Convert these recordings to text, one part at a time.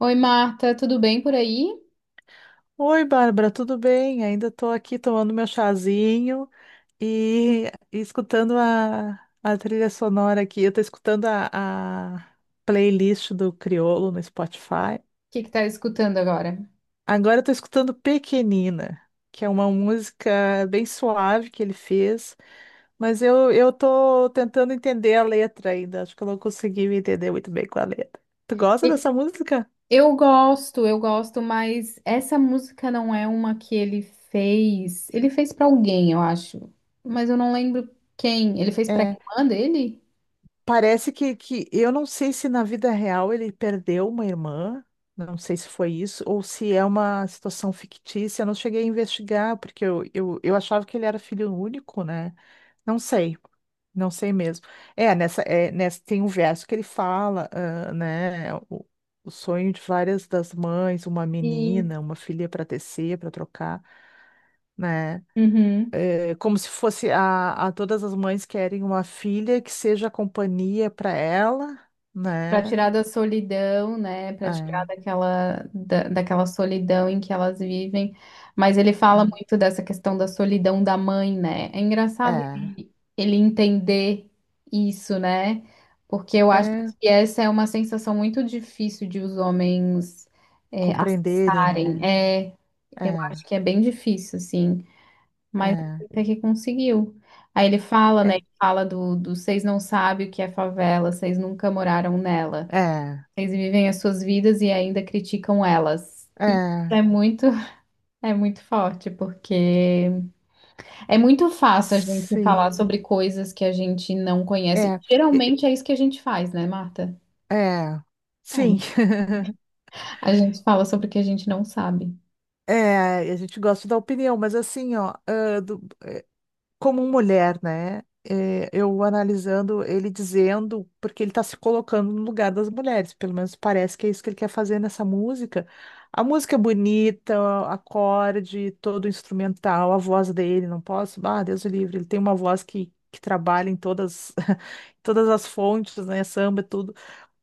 Oi, Marta, tudo bem por aí? O Oi, Bárbara, tudo bem? Ainda estou aqui tomando meu chazinho e, e escutando a trilha sonora aqui. Eu estou escutando a playlist do Criolo no Spotify. que que tá escutando agora? Agora eu estou escutando Pequenina, que é uma música bem suave que ele fez, mas eu estou tentando entender a letra ainda. Acho que eu não consegui me entender muito bem com a letra. Tu gosta E- dessa música? Eu gosto, mas essa música não é uma que ele fez. Ele fez pra alguém, eu acho, mas eu não lembro quem. Ele fez pra É. irmã dele? Parece que eu não sei se na vida real ele perdeu uma irmã, não sei se foi isso, ou se é uma situação fictícia. Eu não cheguei a investigar, porque eu achava que ele era filho único, né? Não sei, não sei mesmo. Nessa tem um verso que ele fala, ah, né? O sonho de várias das mães, uma E. menina, uma filha para tecer, para trocar, né? Uhum. É como se fosse a todas as mães querem uma filha que seja companhia para ela, Para né? tirar da solidão, né? Para tirar É, daquela, daquela solidão em que elas vivem. Mas ele fala muito dessa questão da solidão da mãe, né? É engraçado é, ele entender isso, né? Porque eu é, acho é, que essa é uma sensação muito difícil de os homens compreenderem, acessarem. né? É, eu acho É, que é bem difícil, assim. Mas é, até que conseguiu. Aí ele fala, né? é, Ele fala do vocês não sabem o que é favela, vocês nunca moraram nela. é, Eles vivem as suas vidas e ainda criticam elas. é, É muito, é muito forte, porque é muito fácil a gente falar sim, sobre coisas que a gente não conhece. é, e- Geralmente é isso que a gente faz, né, Marta? é, sim, É. A gente fala sobre o que a gente não sabe. é. A gente gosta da opinião, mas assim, ó, como mulher, né? É, eu analisando ele dizendo, porque ele está se colocando no lugar das mulheres, pelo menos parece que é isso que ele quer fazer nessa música. A música é bonita, o acorde, todo o instrumental, a voz dele, não posso, ah, Deus o livre, ele tem uma voz que trabalha em todas, todas as fontes, né? Samba, tudo.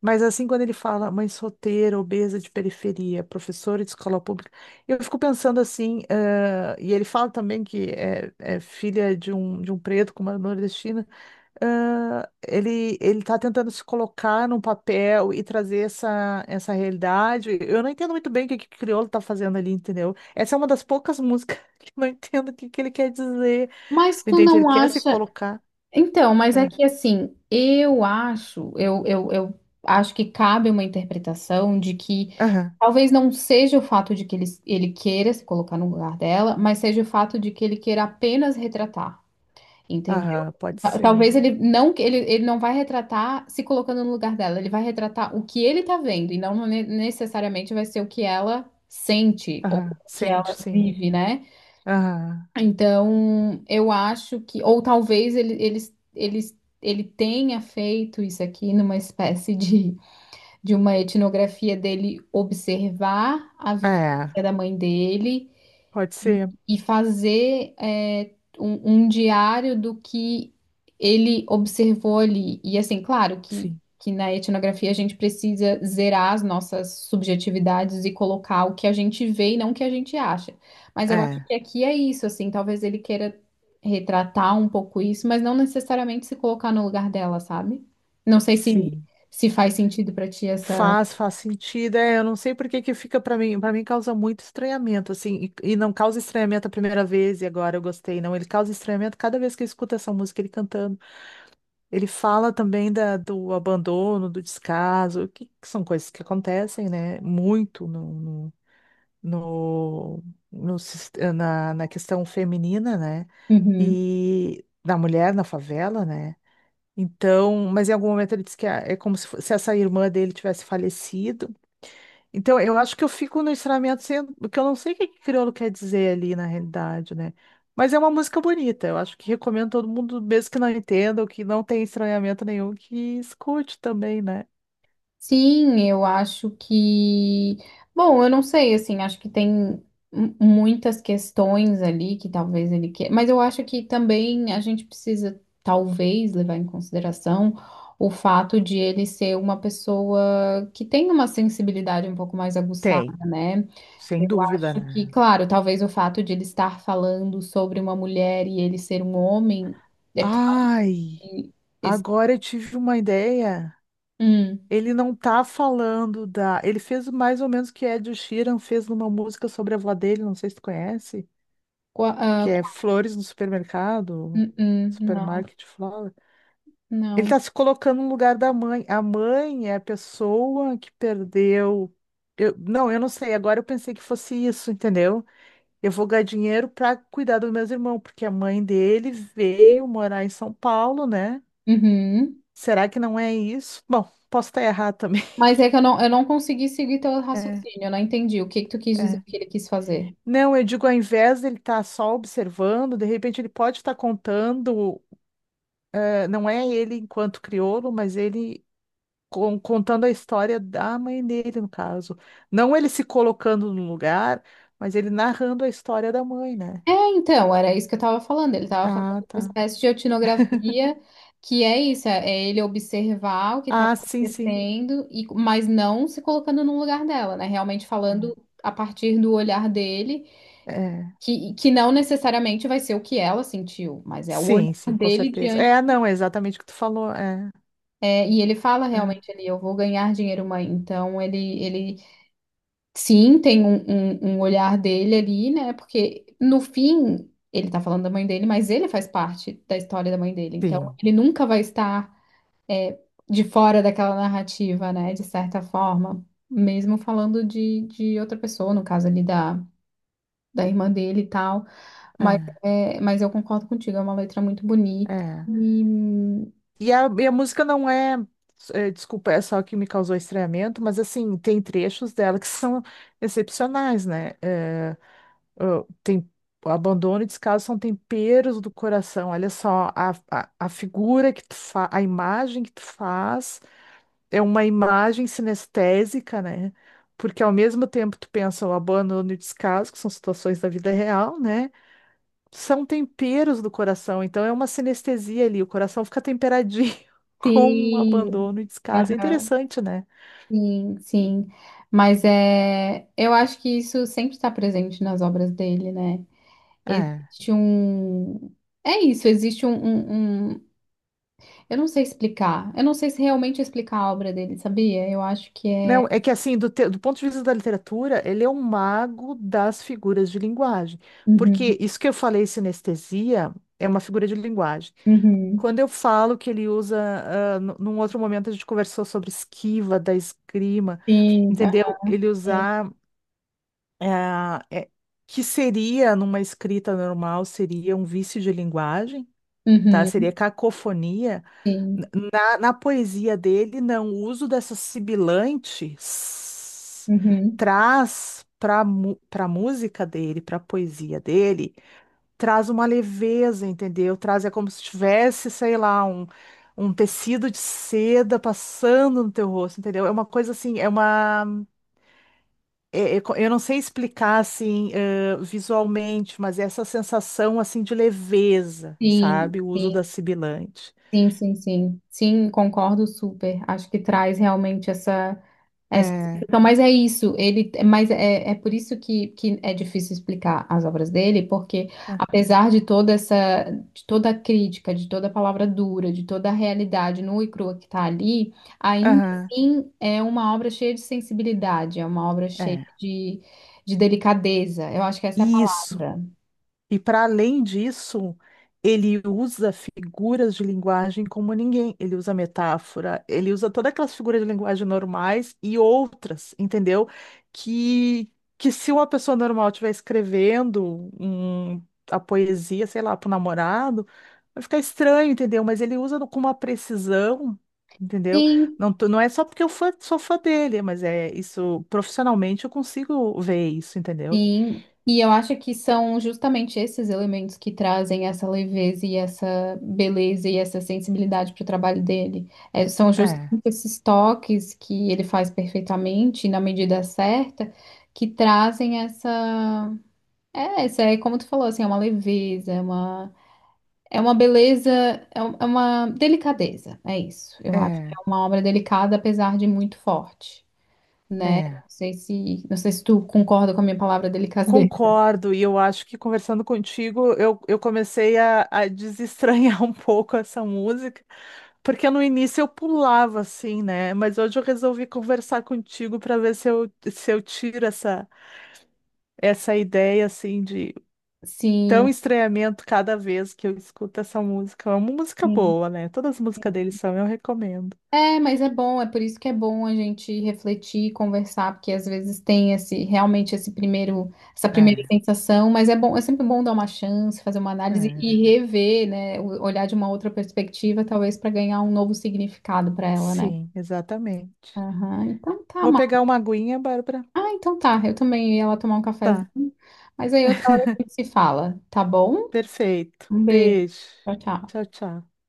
Mas assim, quando ele fala mãe solteira, obesa de periferia, professora de escola pública eu fico pensando assim, e ele fala também que é filha de um preto com uma nordestina. Ah, ele está tentando se colocar num papel e trazer essa realidade. Eu não entendo muito bem o que que o Criolo está fazendo ali, entendeu? Essa é uma das poucas músicas que eu não entendo o que ele quer dizer. Mas tu Entende? Ele não quer se acha. colocar. Então, mas é É. que assim, eu acho, eu acho que cabe uma interpretação de que Aham, talvez não seja o fato de que ele queira se colocar no lugar dela, mas seja o fato de que ele queira apenas retratar. Entendeu? aham, pode ser. Talvez ele não, ele não vai retratar se colocando no lugar dela, ele vai retratar o que ele tá vendo e não necessariamente vai ser o que ela sente ou Aham, o que sente, ela sim. vive, né? Aham, Então, eu acho que ou talvez ele, ele tenha feito isso aqui numa espécie de uma etnografia dele observar a vivência é, da mãe dele pode ser, e fazer um diário do que ele observou ali. E assim, claro que, sim. que na etnografia a gente precisa zerar as nossas subjetividades e colocar o que a gente vê e não o que a gente acha. Mas eu acho É, que aqui é isso, assim, talvez ele queira retratar um pouco isso, mas não necessariamente se colocar no lugar dela, sabe? Não sei se, sim. se faz sentido pra ti essa. Faz, faz sentido. É, eu não sei por que que fica para mim causa muito estranhamento, assim, e não causa estranhamento a primeira vez e agora eu gostei, não. Ele causa estranhamento cada vez que eu escuto essa música ele cantando. Ele fala também do abandono, do descaso, que são coisas que acontecem, né? Muito no, no, no, no sis- na, na questão feminina, né? Uhum. E da mulher na favela, né? Então, mas em algum momento ele disse que é como se, se essa irmã dele tivesse falecido. Então, eu acho que eu fico no estranhamento sendo, porque eu não sei o que que crioulo quer dizer ali na realidade, né? Mas é uma música bonita, eu acho que recomendo todo mundo, mesmo que não entenda ou que não tenha estranhamento nenhum, que escute também, né? Sim, eu acho que. Bom, eu não sei, assim, acho que tem muitas questões ali que talvez ele queira. Mas eu acho que também a gente precisa, talvez, levar em consideração o fato de ele ser uma pessoa que tem uma sensibilidade um pouco mais aguçada, Tem, né? sem Eu dúvida, acho né? que, claro, talvez o fato de ele estar falando sobre uma mulher e ele ser um homem. é- Ai, agora eu tive uma ideia. Hum, Ele não tá falando da. Ele fez mais ou menos o que Ed Sheeran fez numa música sobre a avó dele, não sei se tu conhece, qua- ah, que é Flores no Supermercado, não, Supermarket Flowers. Ele não. está se colocando no lugar da mãe. A mãe é a pessoa que perdeu. Não, eu não sei. Agora eu pensei que fosse isso, entendeu? Eu vou ganhar dinheiro para cuidar dos meus irmãos, porque a mãe dele veio morar em São Paulo, né? Uhum. Será que não é isso? Bom, posso estar errado também. Mas é que eu não consegui seguir teu É, raciocínio, eu não entendi o que que tu quis dizer é. que ele quis fazer. Não, eu digo, ao invés dele estar só observando, de repente ele pode estar contando, não é ele enquanto crioulo, mas ele contando a história da mãe dele, no caso. Não ele se colocando no lugar, mas ele narrando a história da mãe, né? É, então, era isso que eu estava falando. Ele estava fazendo Ah, uma tá. espécie de etnografia, que é isso, é ele observar o que estava Ah, sim, sim. acontecendo, e, mas não se colocando no lugar dela, né? Realmente falando a partir do olhar dele, É. É. que não necessariamente vai ser o que ela sentiu, mas é o olhar Sim, sim, com dele certeza. É, diante. não, é exatamente o que tu falou. É, É, e ele fala realmente é. ali, eu vou ganhar dinheiro, mãe. Então ele, ele. Sim, tem um, um olhar dele ali, né? Porque no fim ele tá falando da mãe dele, mas ele faz parte da história da mãe dele. Então Sim, ele nunca vai estar de fora daquela narrativa, né? De certa forma, mesmo falando de outra pessoa, no caso ali da irmã dele e tal. Mas, é, é, mas eu concordo contigo, é uma letra muito bonita. é. E E a música não é, desculpa, é só que me causou estranhamento, mas assim, tem trechos dela que são excepcionais, né? É, ah, tem, abandono e descaso são temperos do coração. Olha só, a figura que tu faz, a imagem que tu faz é uma imagem sinestésica, né? Porque ao mesmo tempo tu pensa o abandono e o descaso, que são situações da vida real, né? São temperos do coração, então é uma sinestesia ali, o coração fica temperadinho com o sim, abandono e descaso. É aham, interessante, né? sim, sim. Mas é, eu acho que isso sempre está presente nas obras dele, né? É. Existe um. É isso, existe um. Eu não sei explicar. Eu não sei se realmente explicar a obra dele, sabia? Eu acho que é. Não, é que assim, do ponto de vista da literatura, ele é um mago das figuras de linguagem. Uhum, Porque isso que eu falei, sinestesia, é uma figura de linguagem. uhum. Quando eu falo que ele usa, num outro momento a gente conversou sobre esquiva da esgrima, Sim, entendeu? Ele assim. usar, ah, é, que seria, numa escrita normal, seria um vício de linguagem, tá? Uhum, Seria cacofonia. sim. Na poesia dele, não, o uso dessa sibilante Uhum. traz para música dele, para poesia dele, traz uma leveza, entendeu? Traz, é como se tivesse, sei lá, um tecido de seda passando no teu rosto, entendeu? É uma coisa assim, é uma. É- é co- eu não sei explicar assim, visualmente, mas é essa sensação assim de leveza, Sim, sabe? O uso sim, da sibilante. sim, sim, sim. Sim, concordo super. Acho que traz realmente essa. É, É. então, mas é isso, ele, mas é, é por isso que é difícil explicar as obras dele, porque É, apesar de toda essa, de toda a crítica, de toda a palavra dura, de toda a realidade nua e crua que está ali, ainda Aham. assim é uma obra cheia de sensibilidade, é uma obra cheia É. de delicadeza, eu acho que essa é a Isso. palavra. E para além disso, ele usa figuras de linguagem como ninguém. Ele usa metáfora, ele usa todas aquelas figuras de linguagem normais e outras, entendeu? Que, que se uma pessoa normal estiver escrevendo a poesia, sei lá, para o namorado, vai ficar estranho, entendeu? Mas ele usa com uma precisão. Entendeu? Sim, Não, não é só porque eu sou fã dele, mas é isso, profissionalmente eu consigo ver isso, entendeu? sim, e eu acho que são justamente esses elementos que trazem essa leveza e essa beleza e essa sensibilidade para o trabalho dele. É, são É, justamente esses toques que ele faz perfeitamente, na medida certa, que trazem essa. É, essa é como tu falou, assim, é uma leveza, é uma beleza, é uma delicadeza, é isso. Eu acho que é é. uma obra delicada, apesar de muito forte, né? É, Não sei se, não sei se tu concorda com a minha palavra delicadeza. concordo, e eu acho que conversando contigo, eu comecei a desestranhar um pouco essa música, porque no início eu pulava assim, né? Mas hoje eu resolvi conversar contigo para ver se eu tiro essa, essa ideia assim de tão Sim, estranhamento cada vez que eu escuto essa música. É uma música sim. boa, né? Todas as músicas deles são, eu recomendo. É, mas é bom, é por isso que é bom a gente refletir, conversar, porque às vezes tem esse realmente esse primeiro, essa primeira É, sensação, mas é bom, é sempre bom dar uma chance, fazer uma análise é. e rever, né, olhar de uma outra perspectiva, talvez para ganhar um novo significado para ela, né? Sim, exatamente. Aham, então tá, Vou Mar. pegar uma aguinha, Bárbara. Ah, então tá. Eu também ia lá tomar um Tá. cafezinho, mas aí outra hora a gente se fala, tá bom? Perfeito. Um beijo. Beijo. Tchau, Tchau, tchau. tchau.